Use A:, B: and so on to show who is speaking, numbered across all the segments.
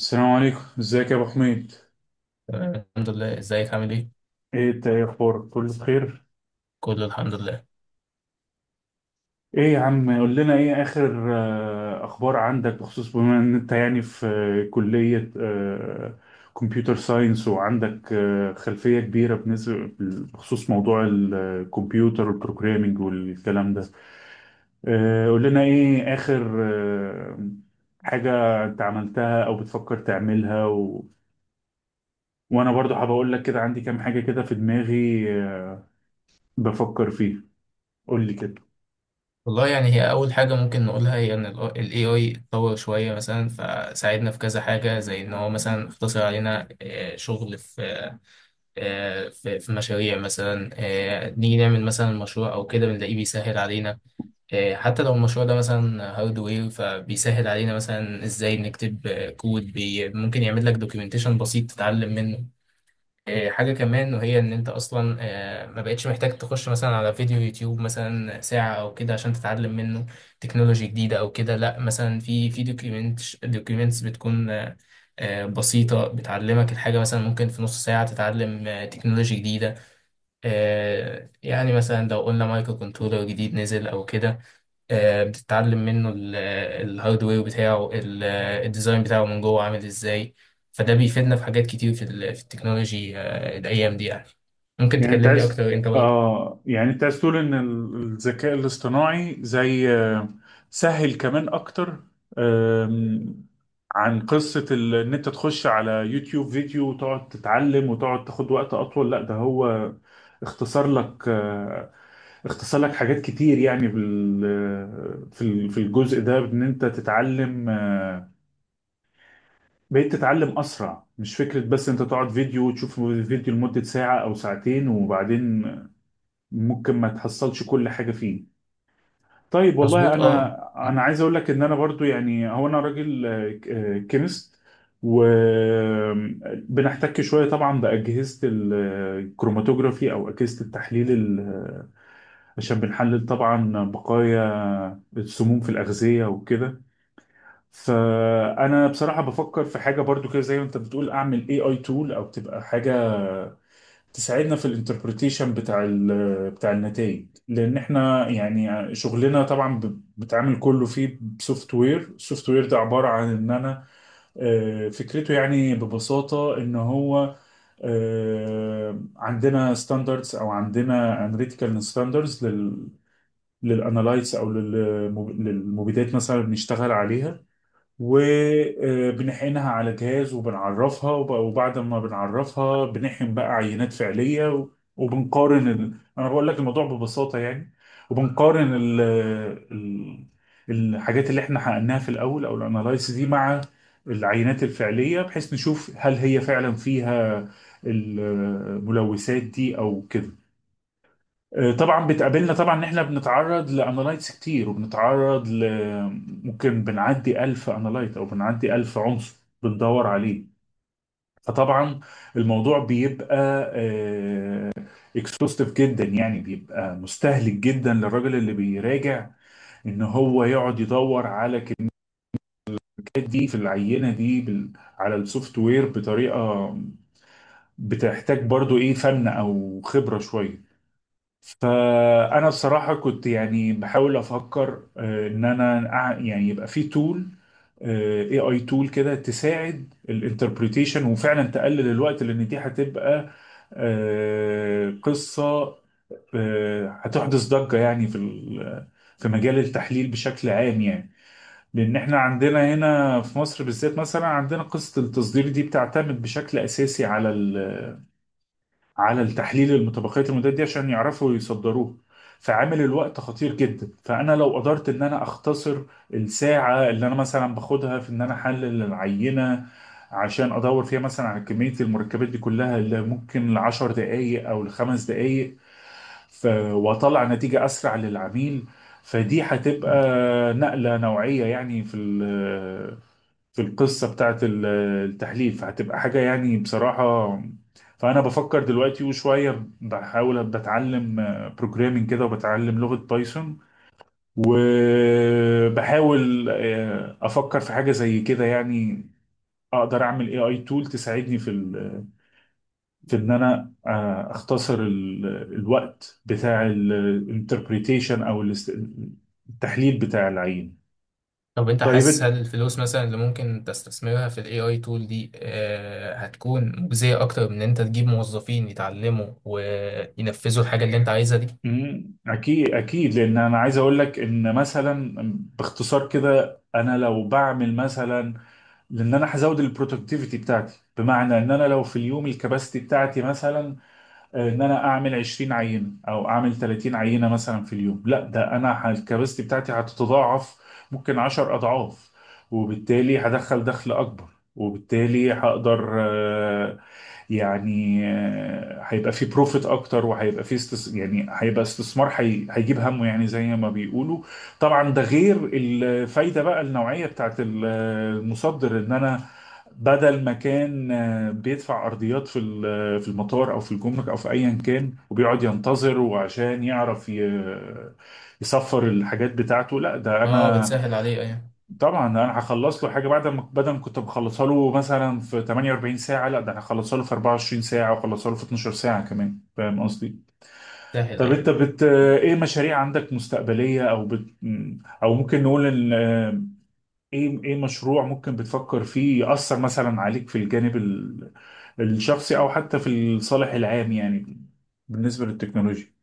A: السلام عليكم، ازيك يا ابو حميد؟
B: تمام. الحمد لله، ازيك عامل ايه؟
A: ايه انت، ايه اخبارك؟ كله بخير؟
B: كله الحمد لله.
A: ايه يا عم، قول لنا ايه اخر اخبار عندك بخصوص، بما ان انت يعني في كلية كمبيوتر ساينس وعندك خلفية كبيرة بالنسبة بخصوص موضوع الكمبيوتر والبروجرامينج والكلام ده. قول لنا ايه اخر آه، حاجة انت عملتها او بتفكر تعملها وانا برضو حابب اقول لك كده، عندي كام حاجة كده في دماغي بفكر فيه. قول لي كده.
B: والله يعني هي اول حاجه ممكن نقولها هي ان ال AI اتطور شويه، مثلا فساعدنا في كذا حاجه، زي ان هو مثلا اختصر علينا شغل في في مشاريع، مثلا نيجي نعمل مثلا مشروع او كده بنلاقيه بيسهل علينا. حتى لو المشروع ده مثلا هاردوير، فبيسهل علينا مثلا ازاي نكتب كود بي ممكن يعمل لك دوكيومنتيشن بسيط تتعلم منه. حاجة كمان، وهي إن أنت أصلا ما بقتش محتاج تخش مثلا على فيديو يوتيوب مثلا ساعة أو كده عشان تتعلم منه تكنولوجي جديدة أو كده. لأ، مثلا في دوكيومنتس بتكون بسيطة، بتعلمك الحاجة مثلا ممكن في نص ساعة تتعلم تكنولوجي جديدة. يعني مثلا لو قلنا مايكرو كنترولر جديد نزل أو كده، بتتعلم منه الهاردوير بتاعه، الديزاين بتاعه من جوه عامل ازاي. فده بيفيدنا في حاجات كتير في في التكنولوجي الايام دي يعني. ممكن
A: يعني انت
B: تكلمني
A: عايز،
B: اكتر انت برضه؟
A: اه يعني انت عايز تقول ان الذكاء الاصطناعي زي سهل كمان اكتر آم، عن قصة ان انت تخش على يوتيوب فيديو وتقعد تتعلم وتقعد تاخد وقت اطول، لا ده هو اختصر لك اختصر لك حاجات كتير، يعني بال في في الجزء ده ان انت تتعلم بقيت تتعلم اسرع، مش فكره بس انت تقعد فيديو وتشوف فيديو لمده ساعه او ساعتين وبعدين ممكن ما تحصلش كل حاجه فيه. طيب والله
B: مظبوط، اه.
A: انا عايز اقول لك ان انا برضو يعني، هو انا راجل كيمست، وبنحتك شويه طبعا باجهزه الكروماتوجرافي او اجهزه التحليل عشان بنحلل طبعا بقايا السموم في الاغذيه وكده. فانا بصراحه بفكر في حاجه برضو كده، زي ما انت بتقول، اعمل اي اي تول او تبقى حاجه تساعدنا في الانتربريتيشن بتاع بتاع النتائج، لان احنا يعني شغلنا طبعا بتعامل كله فيه بسوفت وير. السوفت وير ده عباره عن ان انا فكرته يعني ببساطه ان هو عندنا ستاندردز او عندنا اناليتيكال ستاندردز لل للانالايتس او للمبيدات مثلا بنشتغل عليها وبنحقنها على جهاز وبنعرفها وبعد ما بنعرفها بنحقن بقى عينات فعلية أنا بقول لك الموضوع ببساطة يعني، وبنقارن ال... الحاجات اللي احنا حقناها في الأول أو الأنالايس دي مع العينات الفعلية، بحيث نشوف هل هي فعلا فيها الملوثات دي أو كده. طبعا بتقابلنا طبعا ان احنا بنتعرض لانالايتس كتير وبنتعرض ل ممكن بنعدي 1000 انالايت او بنعدي 1000 عنصر بندور عليه. فطبعا الموضوع بيبقى اكسوستيف جدا، يعني بيبقى مستهلك جدا للراجل اللي بيراجع ان هو يقعد يدور على الكميات دي في العينه دي على السوفت وير بطريقه بتحتاج برضو ايه فن او خبره شويه. فأنا بصراحة كنت يعني بحاول أفكر إن أنا يعني يبقى في تول، اي اي تول كده تساعد الانتربريتيشن وفعلا تقلل الوقت، لأن دي هتبقى قصة هتحدث ضجة يعني في في مجال التحليل بشكل عام يعني. لأن احنا عندنا هنا في مصر بالذات مثلا عندنا قصة التصدير دي بتعتمد بشكل أساسي على على التحليل المتبقيات المدات دي عشان يعرفوا يصدروه. فعامل الوقت خطير جدا، فانا لو قدرت ان انا اختصر الساعه اللي انا مثلا باخدها في ان انا احلل العينه عشان ادور فيها مثلا على كميه المركبات دي كلها اللي ممكن لعشر دقائق او لخمس دقائق ف... واطلع نتيجه اسرع للعميل، فدي هتبقى نقله نوعيه يعني في في القصة بتاعت التحليل، فهتبقى حاجة يعني بصراحة. فأنا بفكر دلوقتي وشوية بحاول بتعلم بروجرامينج كده وبتعلم لغة بايثون، وبحاول أفكر في حاجة زي كده يعني، أقدر أعمل اي اي تول تساعدني في في إن أنا أختصر الوقت بتاع الانتربريتيشن أو التحليل بتاع العين.
B: طب انت حاسس
A: طيب،
B: هل الفلوس مثلا اللي ممكن تستثمرها في الاي اي تول دي هتكون مجزية اكتر من ان انت تجيب موظفين يتعلموا وينفذوا الحاجة اللي انت عايزها دي؟
A: اكيد لان انا عايز اقول لك ان مثلا، باختصار كده، انا لو بعمل مثلا، لان انا هزود البرودكتيفيتي بتاعتي، بمعنى ان انا لو في اليوم الكباستي بتاعتي مثلا ان انا اعمل 20 عينه او اعمل 30 عينه مثلا في اليوم، لا ده انا الكباستي بتاعتي هتتضاعف ممكن 10 اضعاف، وبالتالي هدخل دخل اكبر، وبالتالي هقدر يعني هيبقى في بروفيت اكتر وهيبقى في يعني هيبقى استثمار هيجيب همه يعني، زي ما بيقولوا. طبعا ده غير الفايده بقى النوعيه بتاعت المصدر، ان انا بدل ما كان بيدفع ارضيات في في المطار او في الجمرك او في ايا كان وبيقعد ينتظر وعشان يعرف يصفر الحاجات بتاعته، لا ده
B: اه،
A: انا
B: بتسهل عليه، ايوه.
A: طبعا انا هخلص له حاجه بعد، ما بدل ما كنت مخلصها له مثلا في 48 ساعه لا ده انا هخلصها له في 24 ساعه، وخلصها له في 12 ساعه كمان، فاهم قصدي؟
B: بتسهل،
A: طب انت
B: ايوه.
A: ايه مشاريع عندك مستقبليه او او ممكن نقول ان ايه، ايه مشروع ممكن بتفكر فيه يأثر مثلا عليك في الجانب الشخصي او حتى في الصالح العام يعني، بالنسبة للتكنولوجيا؟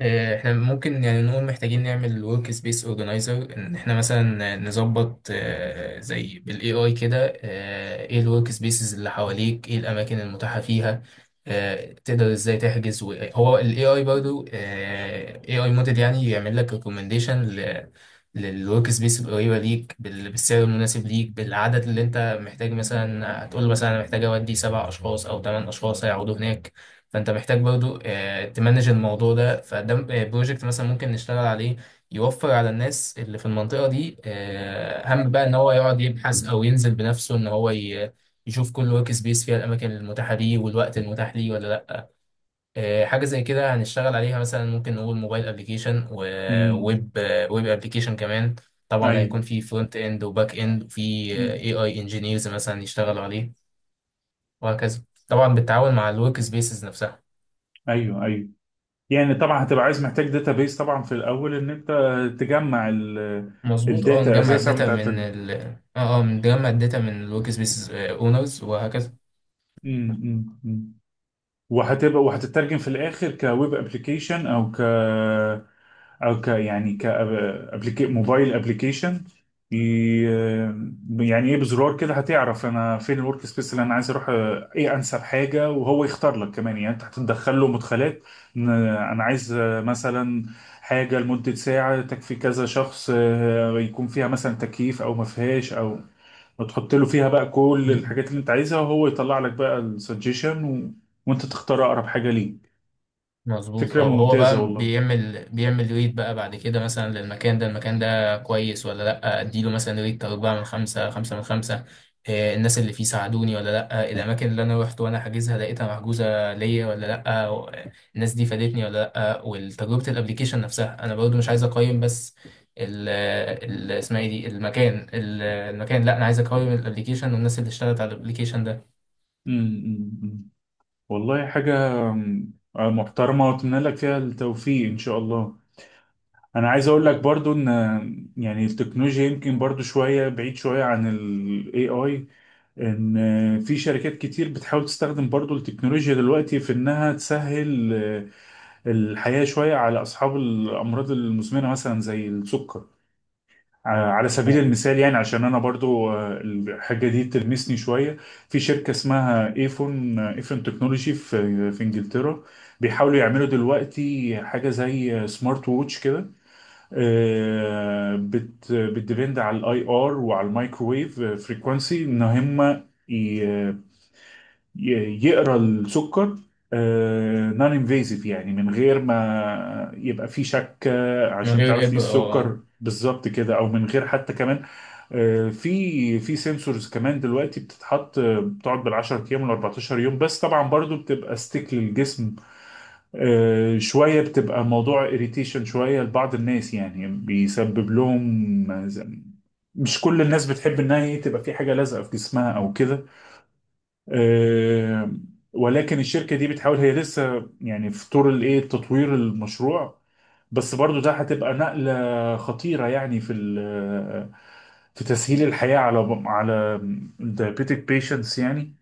B: احنا ممكن يعني نقول محتاجين نعمل ورك سبيس اورجانيزر، ان احنا مثلا نظبط زي بالاي اي كده، ايه الورك سبيسز اللي حواليك، ايه الاماكن المتاحه فيها، تقدر ازاي تحجز، هو الاي اي برضو اي اي موديل يعني يعمل لك ريكومنديشن للورك سبيس القريبه ليك بالسعر المناسب ليك، بالعدد اللي انت محتاج، مثلا هتقول له مثلا انا محتاج اودي سبع اشخاص او ثمان اشخاص هيقعدوا هناك. فانت محتاج برضو تمانج الموضوع ده. فده بروجكت مثلا ممكن نشتغل عليه، يوفر على الناس اللي في المنطقة دي هم بقى ان هو يقعد يبحث او ينزل بنفسه، ان هو يشوف كل ورك سبيس فيها الاماكن المتاحة ليه والوقت المتاح ليه ولا لا. حاجة زي كده هنشتغل عليها، مثلا ممكن نقول موبايل ابلكيشن،
A: امم.
B: وويب ابلكيشن كمان. طبعا
A: ايوه.
B: هيكون في فرونت اند وباك اند، وفي
A: مم.
B: اي اي انجينيرز مثلا يشتغلوا عليه، وهكذا. طبعا بالتعاون مع الورك سبيسز نفسها.
A: ايوه، ايوه. يعني طبعا هتبقى عايز محتاج داتابيس طبعا في الاول، ان انت تجمع
B: مظبوط، اه.
A: الداتا
B: نجمع
A: اساسا
B: الداتا من ال اه آه، نجمع الداتا من الورك سبيس اونرز وهكذا.
A: مم. مم. وهتبقى وهتترجم في الاخر كويب ابلكيشن او ك، او ك يعني ك موبايل ابلكيشن. يعني ايه، بزرار كده هتعرف انا فين الورك سبيس اللي انا عايز اروح، ايه انسب حاجه، وهو يختار لك كمان. يعني انت هتدخل له مدخلات إن انا عايز مثلا حاجه لمده ساعه تكفي كذا شخص، يكون فيها مثلا تكييف او ما فيهاش او، وتحط له فيها بقى كل
B: مم.
A: الحاجات اللي انت عايزها وهو يطلع لك بقى السجيشن وانت تختار اقرب حاجة ليك.
B: مظبوط،
A: فكرة
B: اه. هو
A: ممتازة
B: بقى
A: والله.
B: بيعمل ريت بقى بعد كده، مثلا للمكان ده، المكان ده كويس ولا لا، اديله مثلا ريت اربعة من خمسة، خمسة من خمسة. الناس اللي فيه ساعدوني ولا لا، الاماكن اللي انا روحت وانا حاجزها لقيتها محجوزة ليا ولا لا، الناس دي فادتني ولا لا، وتجربة الابليكيشن نفسها. انا برضو مش عايز اقيم بس ال اسمها ايه دي، المكان المكان، لا، انا عايز اقيم الابليكيشن والناس اللي اشتغلت على الابليكيشن ده. إن
A: امم. والله حاجة محترمة، واتمنى لك فيها التوفيق ان شاء الله. انا عايز اقول لك
B: شاء
A: برضو ان، يعني التكنولوجيا يمكن برضو شوية بعيد شوية عن ال AI، ان في شركات كتير بتحاول تستخدم برضو التكنولوجيا دلوقتي في انها تسهل الحياة شوية على اصحاب الامراض المزمنة مثلا زي السكر، على سبيل
B: الله.
A: المثال يعني، عشان انا برضو الحاجه دي تلمسني شويه. في شركه اسمها ايفون، ايفون تكنولوجي في في انجلترا، بيحاولوا يعملوا دلوقتي حاجه زي سمارت ووتش كده، آه، بت بتديبند على الاي ار وعلى الميكروويف فريكوانسي ان هم ي- يقرا السكر نون انفيزيف، يعني من غير ما يبقى في شك،
B: من
A: عشان
B: غير
A: تعرف تقيس
B: الابر، اه، آه.
A: السكر بالظبط كده او من غير حتى كمان. في في سنسورز كمان دلوقتي بتتحط، بتقعد بال 10 ايام وال 14 يوم، بس طبعا برضو بتبقى ستيك للجسم شويه، بتبقى موضوع اريتيشن شويه لبعض الناس، يعني بيسبب لهم مش كل الناس بتحب انها هي تبقى في حاجه لازقه في جسمها او كده. آه، ولكن الشركه دي بتحاول، هي لسه يعني في طور الايه تطوير المشروع، بس برضو ده هتبقى نقلة خطيرة يعني في في تسهيل الحياة على على diabetic patients يعني،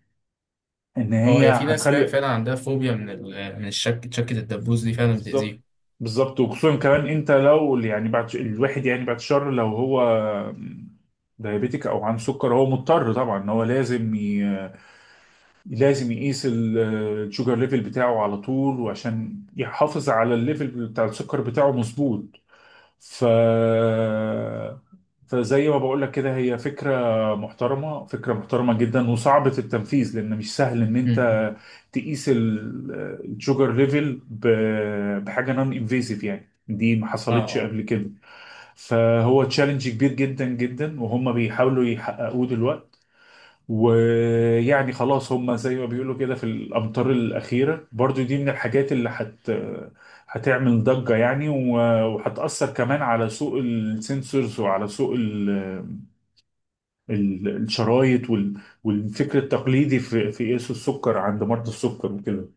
A: ان
B: اه،
A: هي
B: هي في ناس بقى
A: هتخلي.
B: فعلا عندها فوبيا من من الشك، شكة الدبوس دي فعلا بتأذيهم.
A: بالظبط، بالظبط، وخصوصا كمان انت لو يعني بعد الواحد يعني بعد الشر لو هو دايابيتيك او عنده سكر، هو مضطر طبعا ان هو لازم لازم يقيس الشوجر ليفل بتاعه على طول، وعشان يحافظ على الليفل بتاع السكر بتاعه مظبوط. ف فزي ما بقول لك كده، هي فكرة محترمة، فكرة محترمة جدا، وصعبة التنفيذ، لأن مش سهل إن
B: أمم.
A: أنت تقيس الشوجر ليفل بحاجة نون انفيزيف، يعني دي ما
B: اه،
A: حصلتش
B: اه،
A: قبل كده. فهو تشالنج كبير جدا جدا، وهم بيحاولوا يحققوه دلوقتي. ويعني خلاص هم زي ما بيقولوا كده في الأمطار الأخيرة برضو، دي من الحاجات اللي هتعمل ضجة يعني، وهتأثر كمان على سوق السنسورز وعلى سوق الشرايط والفكر التقليدي في في قياس السكر عند مرضى السكر وكده.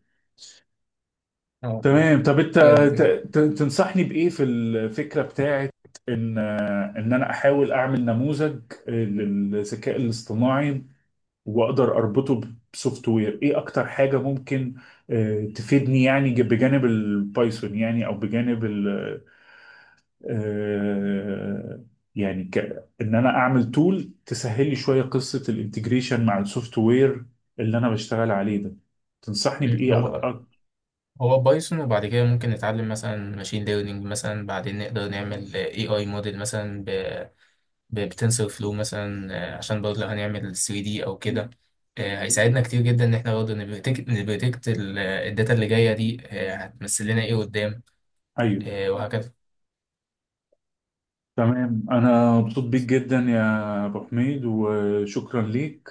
B: اه،
A: تمام. طب انت
B: فعلا دي حاجة.
A: تنصحني بإيه في الفكرة بتاعت ان انا احاول اعمل نموذج للذكاء الاصطناعي واقدر اربطه بسوفت وير؟ ايه اكتر حاجه ممكن تفيدني، يعني بجانب البايثون يعني، او بجانب ال آه، يعني ان انا اعمل تول تسهل لي شويه قصه الانتجريشن مع السوفت وير اللي انا بشتغل عليه ده، تنصحني
B: أمم.
A: بايه
B: هو هو بايثون، وبعد كده ممكن نتعلم مثلا ماشين ليرنينج، مثلا بعدين نقدر نعمل اي اي موديل مثلا بتنسر فلو، مثلا عشان برضه لو هنعمل 3D او كده. هيساعدنا كتير جدا ان احنا برضه نبريتكت الداتا اللي جاية دي، هتمثل لنا ايه قدام.
A: ايوه.
B: وهكذا.
A: تمام، انا مبسوط بيك جدا يا ابو حميد، وشكرا ليك.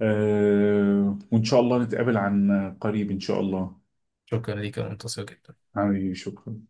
A: وان شاء الله نتقابل عن قريب ان شاء الله.
B: شكرا ليك يا منتصر جدا.
A: حبيبي، شكرا.